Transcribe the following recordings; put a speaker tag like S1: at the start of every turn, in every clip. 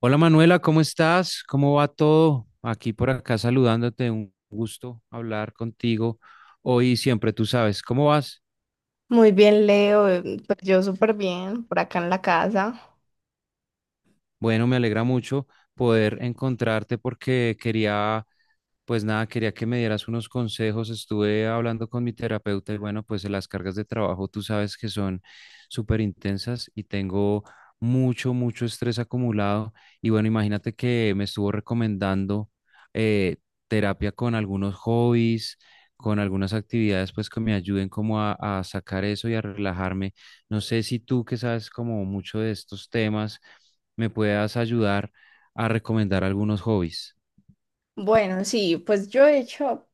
S1: Hola Manuela, ¿cómo estás? ¿Cómo va todo? Aquí por acá saludándote, un gusto hablar contigo hoy y siempre, tú sabes, ¿cómo vas?
S2: Muy bien, Leo. Pues yo súper bien por acá en la casa.
S1: Bueno, me alegra mucho poder encontrarte porque quería. Pues nada, quería que me dieras unos consejos. Estuve hablando con mi terapeuta y bueno, pues las cargas de trabajo tú sabes que son súper intensas y tengo mucho, mucho estrés acumulado. Y bueno, imagínate que me estuvo recomendando eh, terapia con algunos hobbies, con algunas actividades pues que me ayuden como a sacar eso y a relajarme. No sé si tú que sabes como mucho de estos temas me puedas ayudar a recomendar algunos hobbies.
S2: Bueno, sí, pues yo he hecho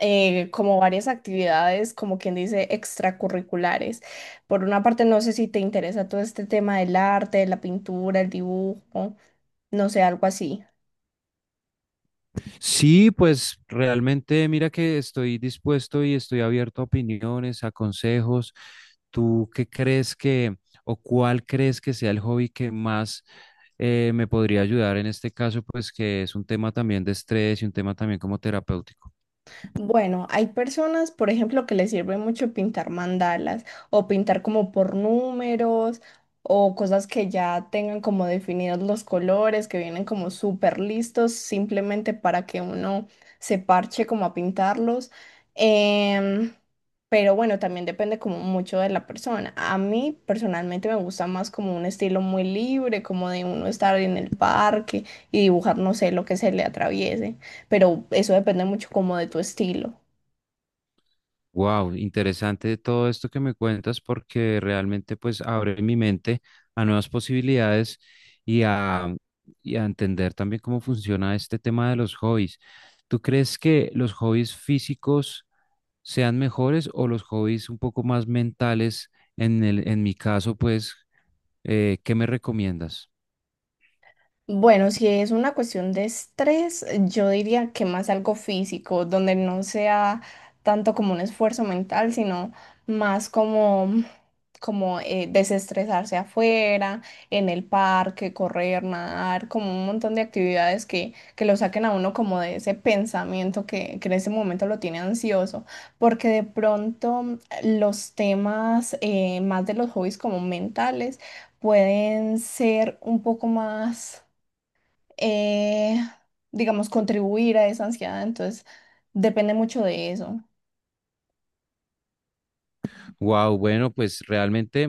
S2: como varias actividades, como quien dice, extracurriculares. Por una parte, no sé si te interesa todo este tema del arte, de la pintura, el dibujo, no sé, algo así.
S1: Sí, pues realmente mira que estoy dispuesto y estoy abierto a opiniones, a consejos. ¿Tú qué crees que o cuál crees que sea el hobby que más me podría ayudar en este caso, pues que es un tema también de estrés y un tema también como terapéutico?
S2: Bueno, hay personas, por ejemplo, que les sirve mucho pintar mandalas o pintar como por números o cosas que ya tengan como definidos los colores, que vienen como súper listos simplemente para que uno se parche como a pintarlos. Em, pero bueno, también depende como mucho de la persona. A mí personalmente me gusta más como un estilo muy libre, como de uno estar en el parque y dibujar, no sé, lo que se le atraviese, pero eso depende mucho como de tu estilo.
S1: Wow, interesante todo esto que me cuentas porque realmente pues abre mi mente a nuevas posibilidades y a, y a entender también cómo funciona este tema de los hobbies. ¿Tú crees que los hobbies físicos sean mejores o los hobbies un poco más mentales? En mi caso, pues, ¿qué me recomiendas?
S2: Bueno, si es una cuestión de estrés, yo diría que más algo físico, donde no sea tanto como un esfuerzo mental, sino más como desestresarse afuera, en el parque, correr, nadar, como un montón de actividades que lo saquen a uno como de ese pensamiento que en ese momento lo tiene ansioso, porque de pronto los temas más de los hobbies como mentales pueden ser un poco más, eh, digamos, contribuir a esa ansiedad, entonces depende mucho de eso.
S1: Wow, bueno, pues realmente,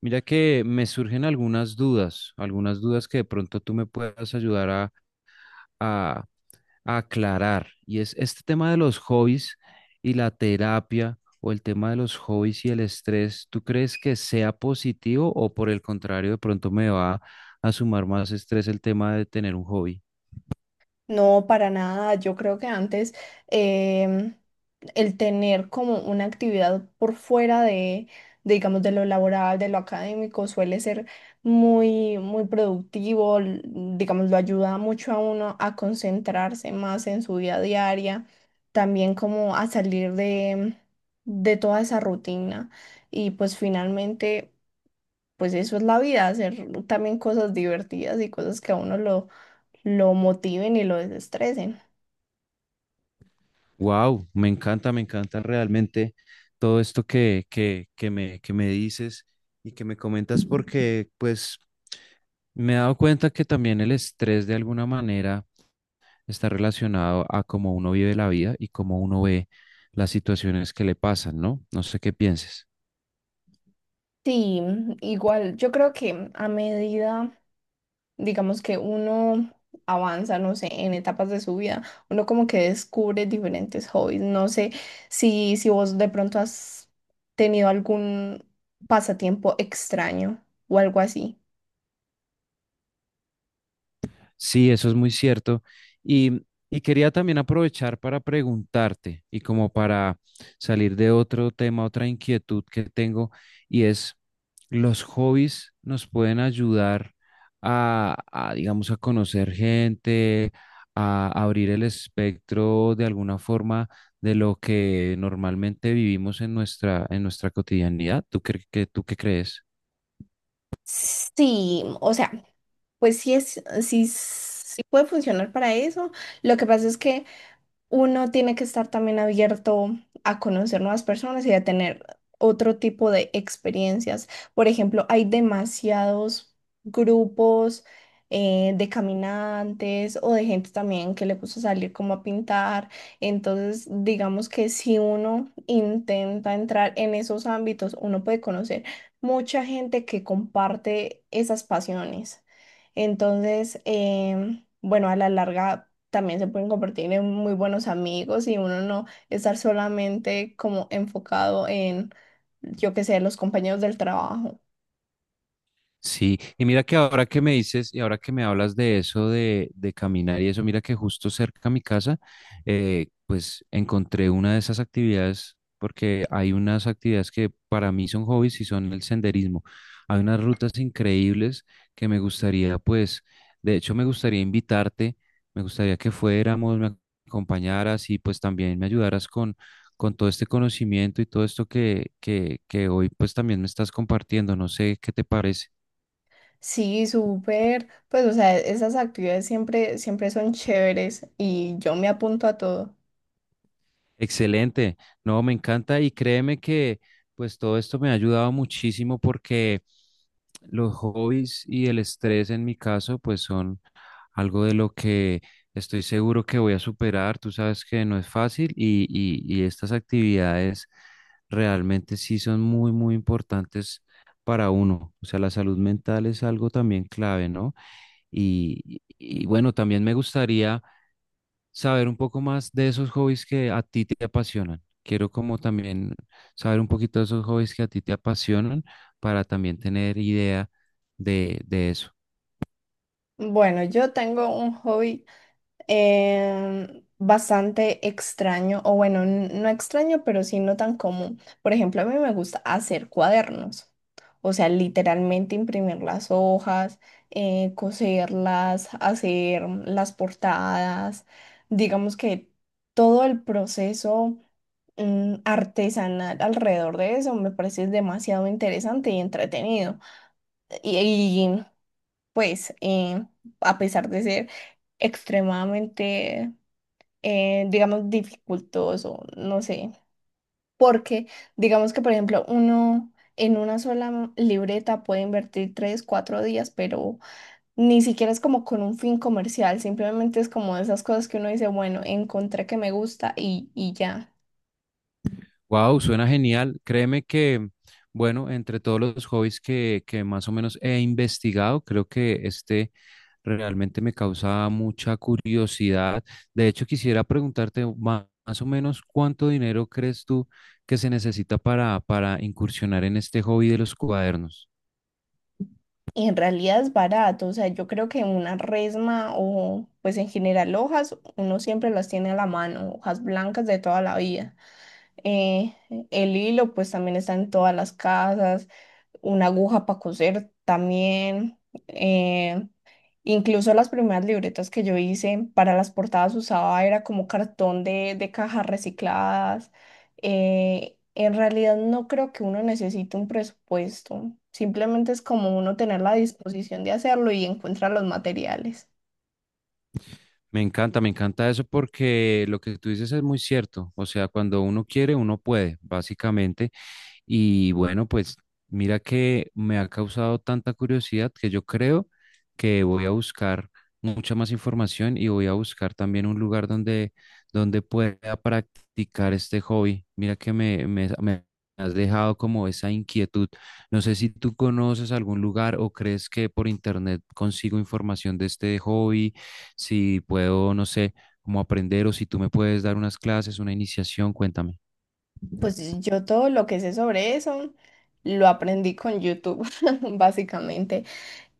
S1: mira que me surgen algunas dudas que de pronto tú me puedas ayudar a aclarar, y es este tema de los hobbies y la terapia, o el tema de los hobbies y el estrés. ¿Tú crees que sea positivo o por el contrario de pronto me va a sumar más estrés el tema de tener un hobby?
S2: No, para nada. Yo creo que antes em, el tener como una actividad por fuera de digamos, de lo laboral, de lo académico, suele ser muy, muy productivo. Digamos, lo ayuda mucho a uno a concentrarse más en su vida diaria, también como a salir de de toda esa rutina. Y pues finalmente, pues eso es la vida, hacer también cosas divertidas y cosas que a uno lo motiven y lo desestresen.
S1: Wow, me encanta realmente todo esto que me dices y que me comentas, porque pues me he dado cuenta que también el estrés de alguna manera está relacionado a cómo uno vive la vida y cómo uno ve las situaciones que le pasan, ¿no? No sé qué pienses.
S2: Sí, mm, igual yo creo que a medida, digamos que uno avanza, no sé, en etapas de su vida, uno como que descubre diferentes hobbies. No sé si vos de pronto has tenido algún pasatiempo extraño o algo así.
S1: Sí, eso es muy cierto. Y, y quería también aprovechar para preguntarte y como para salir de otro tema, otra inquietud que tengo, y es, ¿los hobbies nos pueden ayudar digamos, a conocer gente, a abrir el espectro de alguna forma de lo que normalmente vivimos en en nuestra cotidianidad? ¿Tú qué, tú qué crees?
S2: Sí, o sea, pues sí puede funcionar para eso. Lo que pasa es que uno tiene que estar también abierto a conocer nuevas personas y a tener otro tipo de experiencias. Por ejemplo, hay demasiados grupos de caminantes o de gente también que le gusta salir como a pintar. Entonces, digamos que si uno intenta entrar en esos ámbitos, uno puede conocer mucha gente que comparte esas pasiones. Entonces, bueno, a la larga también se pueden convertir en muy buenos amigos y uno no estar solamente como enfocado en, yo qué sé, los compañeros del trabajo.
S1: Sí, y mira que ahora que me dices y ahora que me hablas de eso de caminar y eso, mira que justo cerca a mi casa, pues encontré una de esas actividades, porque hay unas actividades que para mí son hobbies y son el senderismo. Hay unas rutas increíbles que me gustaría, pues, de hecho me gustaría invitarte, me gustaría que fuéramos, me acompañaras y pues también me ayudaras con todo este conocimiento y todo esto que hoy pues también me estás compartiendo. No sé qué te parece.
S2: Sí, súper. Pues, o sea, esas actividades siempre, siempre son chéveres y yo me apunto a todo.
S1: Excelente. No, me encanta y créeme que pues todo esto me ha ayudado muchísimo porque los hobbies y el estrés en mi caso pues son algo de lo que estoy seguro que voy a superar. Tú sabes que no es fácil y estas actividades realmente sí son muy, muy importantes para uno. O sea, la salud mental es algo también clave, ¿no? Y bueno, también me gustaría saber un poco más de esos hobbies que a ti te apasionan. Quiero como también saber un poquito de esos hobbies que a ti te apasionan para también tener idea de eso.
S2: Bueno, yo tengo un hobby bastante extraño, o bueno, no extraño, pero sí no tan común. Por ejemplo, a mí me gusta hacer cuadernos, o sea, literalmente imprimir las hojas, coserlas, hacer las portadas, digamos que todo el proceso mm, artesanal alrededor de eso me parece demasiado interesante y entretenido. Y, y, pues, a pesar de ser extremadamente digamos, dificultoso, no sé. Porque, digamos que, por ejemplo, uno en una sola libreta puede invertir tres, cuatro días, pero ni siquiera es como con un fin comercial, simplemente es como de esas cosas que uno dice, bueno, encontré que me gusta y ya.
S1: Wow, suena genial. Créeme que, bueno, entre todos los hobbies que más o menos he investigado, creo que este realmente me causa mucha curiosidad. De hecho, quisiera preguntarte más o menos cuánto dinero crees tú que se necesita para incursionar en este hobby de los cuadernos.
S2: Y en realidad es barato, o sea, yo creo que una resma o pues en general hojas, uno siempre las tiene a la mano, hojas blancas de toda la vida. Eh, el hilo pues también está en todas las casas. Una aguja para coser también. eh, Incluso las primeras libretas que yo hice para las portadas usaba era como cartón de de cajas recicladas. En realidad no creo que uno necesite un presupuesto. Simplemente es como uno tener la disposición de hacerlo y encuentra los materiales.
S1: Me encanta eso porque lo que tú dices es muy cierto. O sea, cuando uno quiere, uno puede, básicamente. Y bueno, pues mira que me ha causado tanta curiosidad que yo creo que voy a buscar mucha más información y voy a buscar también un lugar donde pueda practicar este hobby. Mira que me has dejado como esa inquietud. No sé si tú conoces algún lugar o crees que por internet consigo información de este hobby, si puedo, no sé, como aprender o si tú me puedes dar unas clases, una iniciación, cuéntame.
S2: Pues yo todo lo que sé sobre eso lo aprendí con YouTube, básicamente.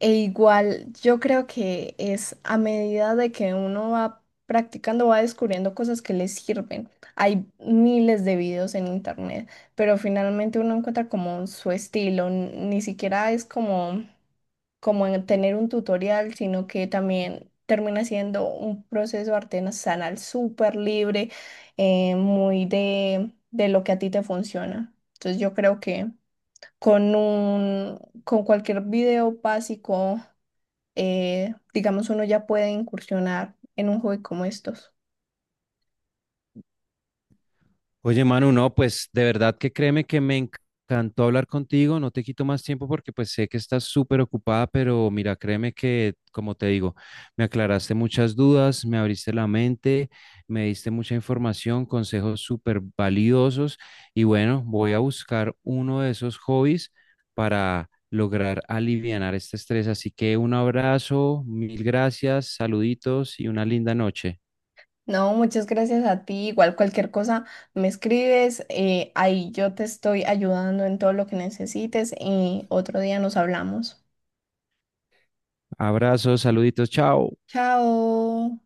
S2: E igual, yo creo que es a medida de que uno va practicando, va descubriendo cosas que le sirven. Hay miles de videos en internet, pero finalmente uno encuentra como su estilo. Ni siquiera es como, como en tener un tutorial, sino que también termina siendo un proceso artesanal súper libre, muy de de lo que a ti te funciona. Entonces yo creo que con un, con cualquier video básico digamos, uno ya puede incursionar en un hobby como estos.
S1: Oye, Manu, no, pues de verdad que créeme que me encantó hablar contigo, no te quito más tiempo porque pues sé que estás súper ocupada, pero mira, créeme que, como te digo, me aclaraste muchas dudas, me abriste la mente, me diste mucha información, consejos súper valiosos y bueno, voy a buscar uno de esos hobbies para lograr alivianar este estrés. Así que un abrazo, mil gracias, saluditos y una linda noche.
S2: No, muchas gracias a ti. Igual cualquier cosa me escribes, ahí yo te estoy ayudando en todo lo que necesites y otro día nos hablamos.
S1: Abrazos, saluditos, chao.
S2: Chao.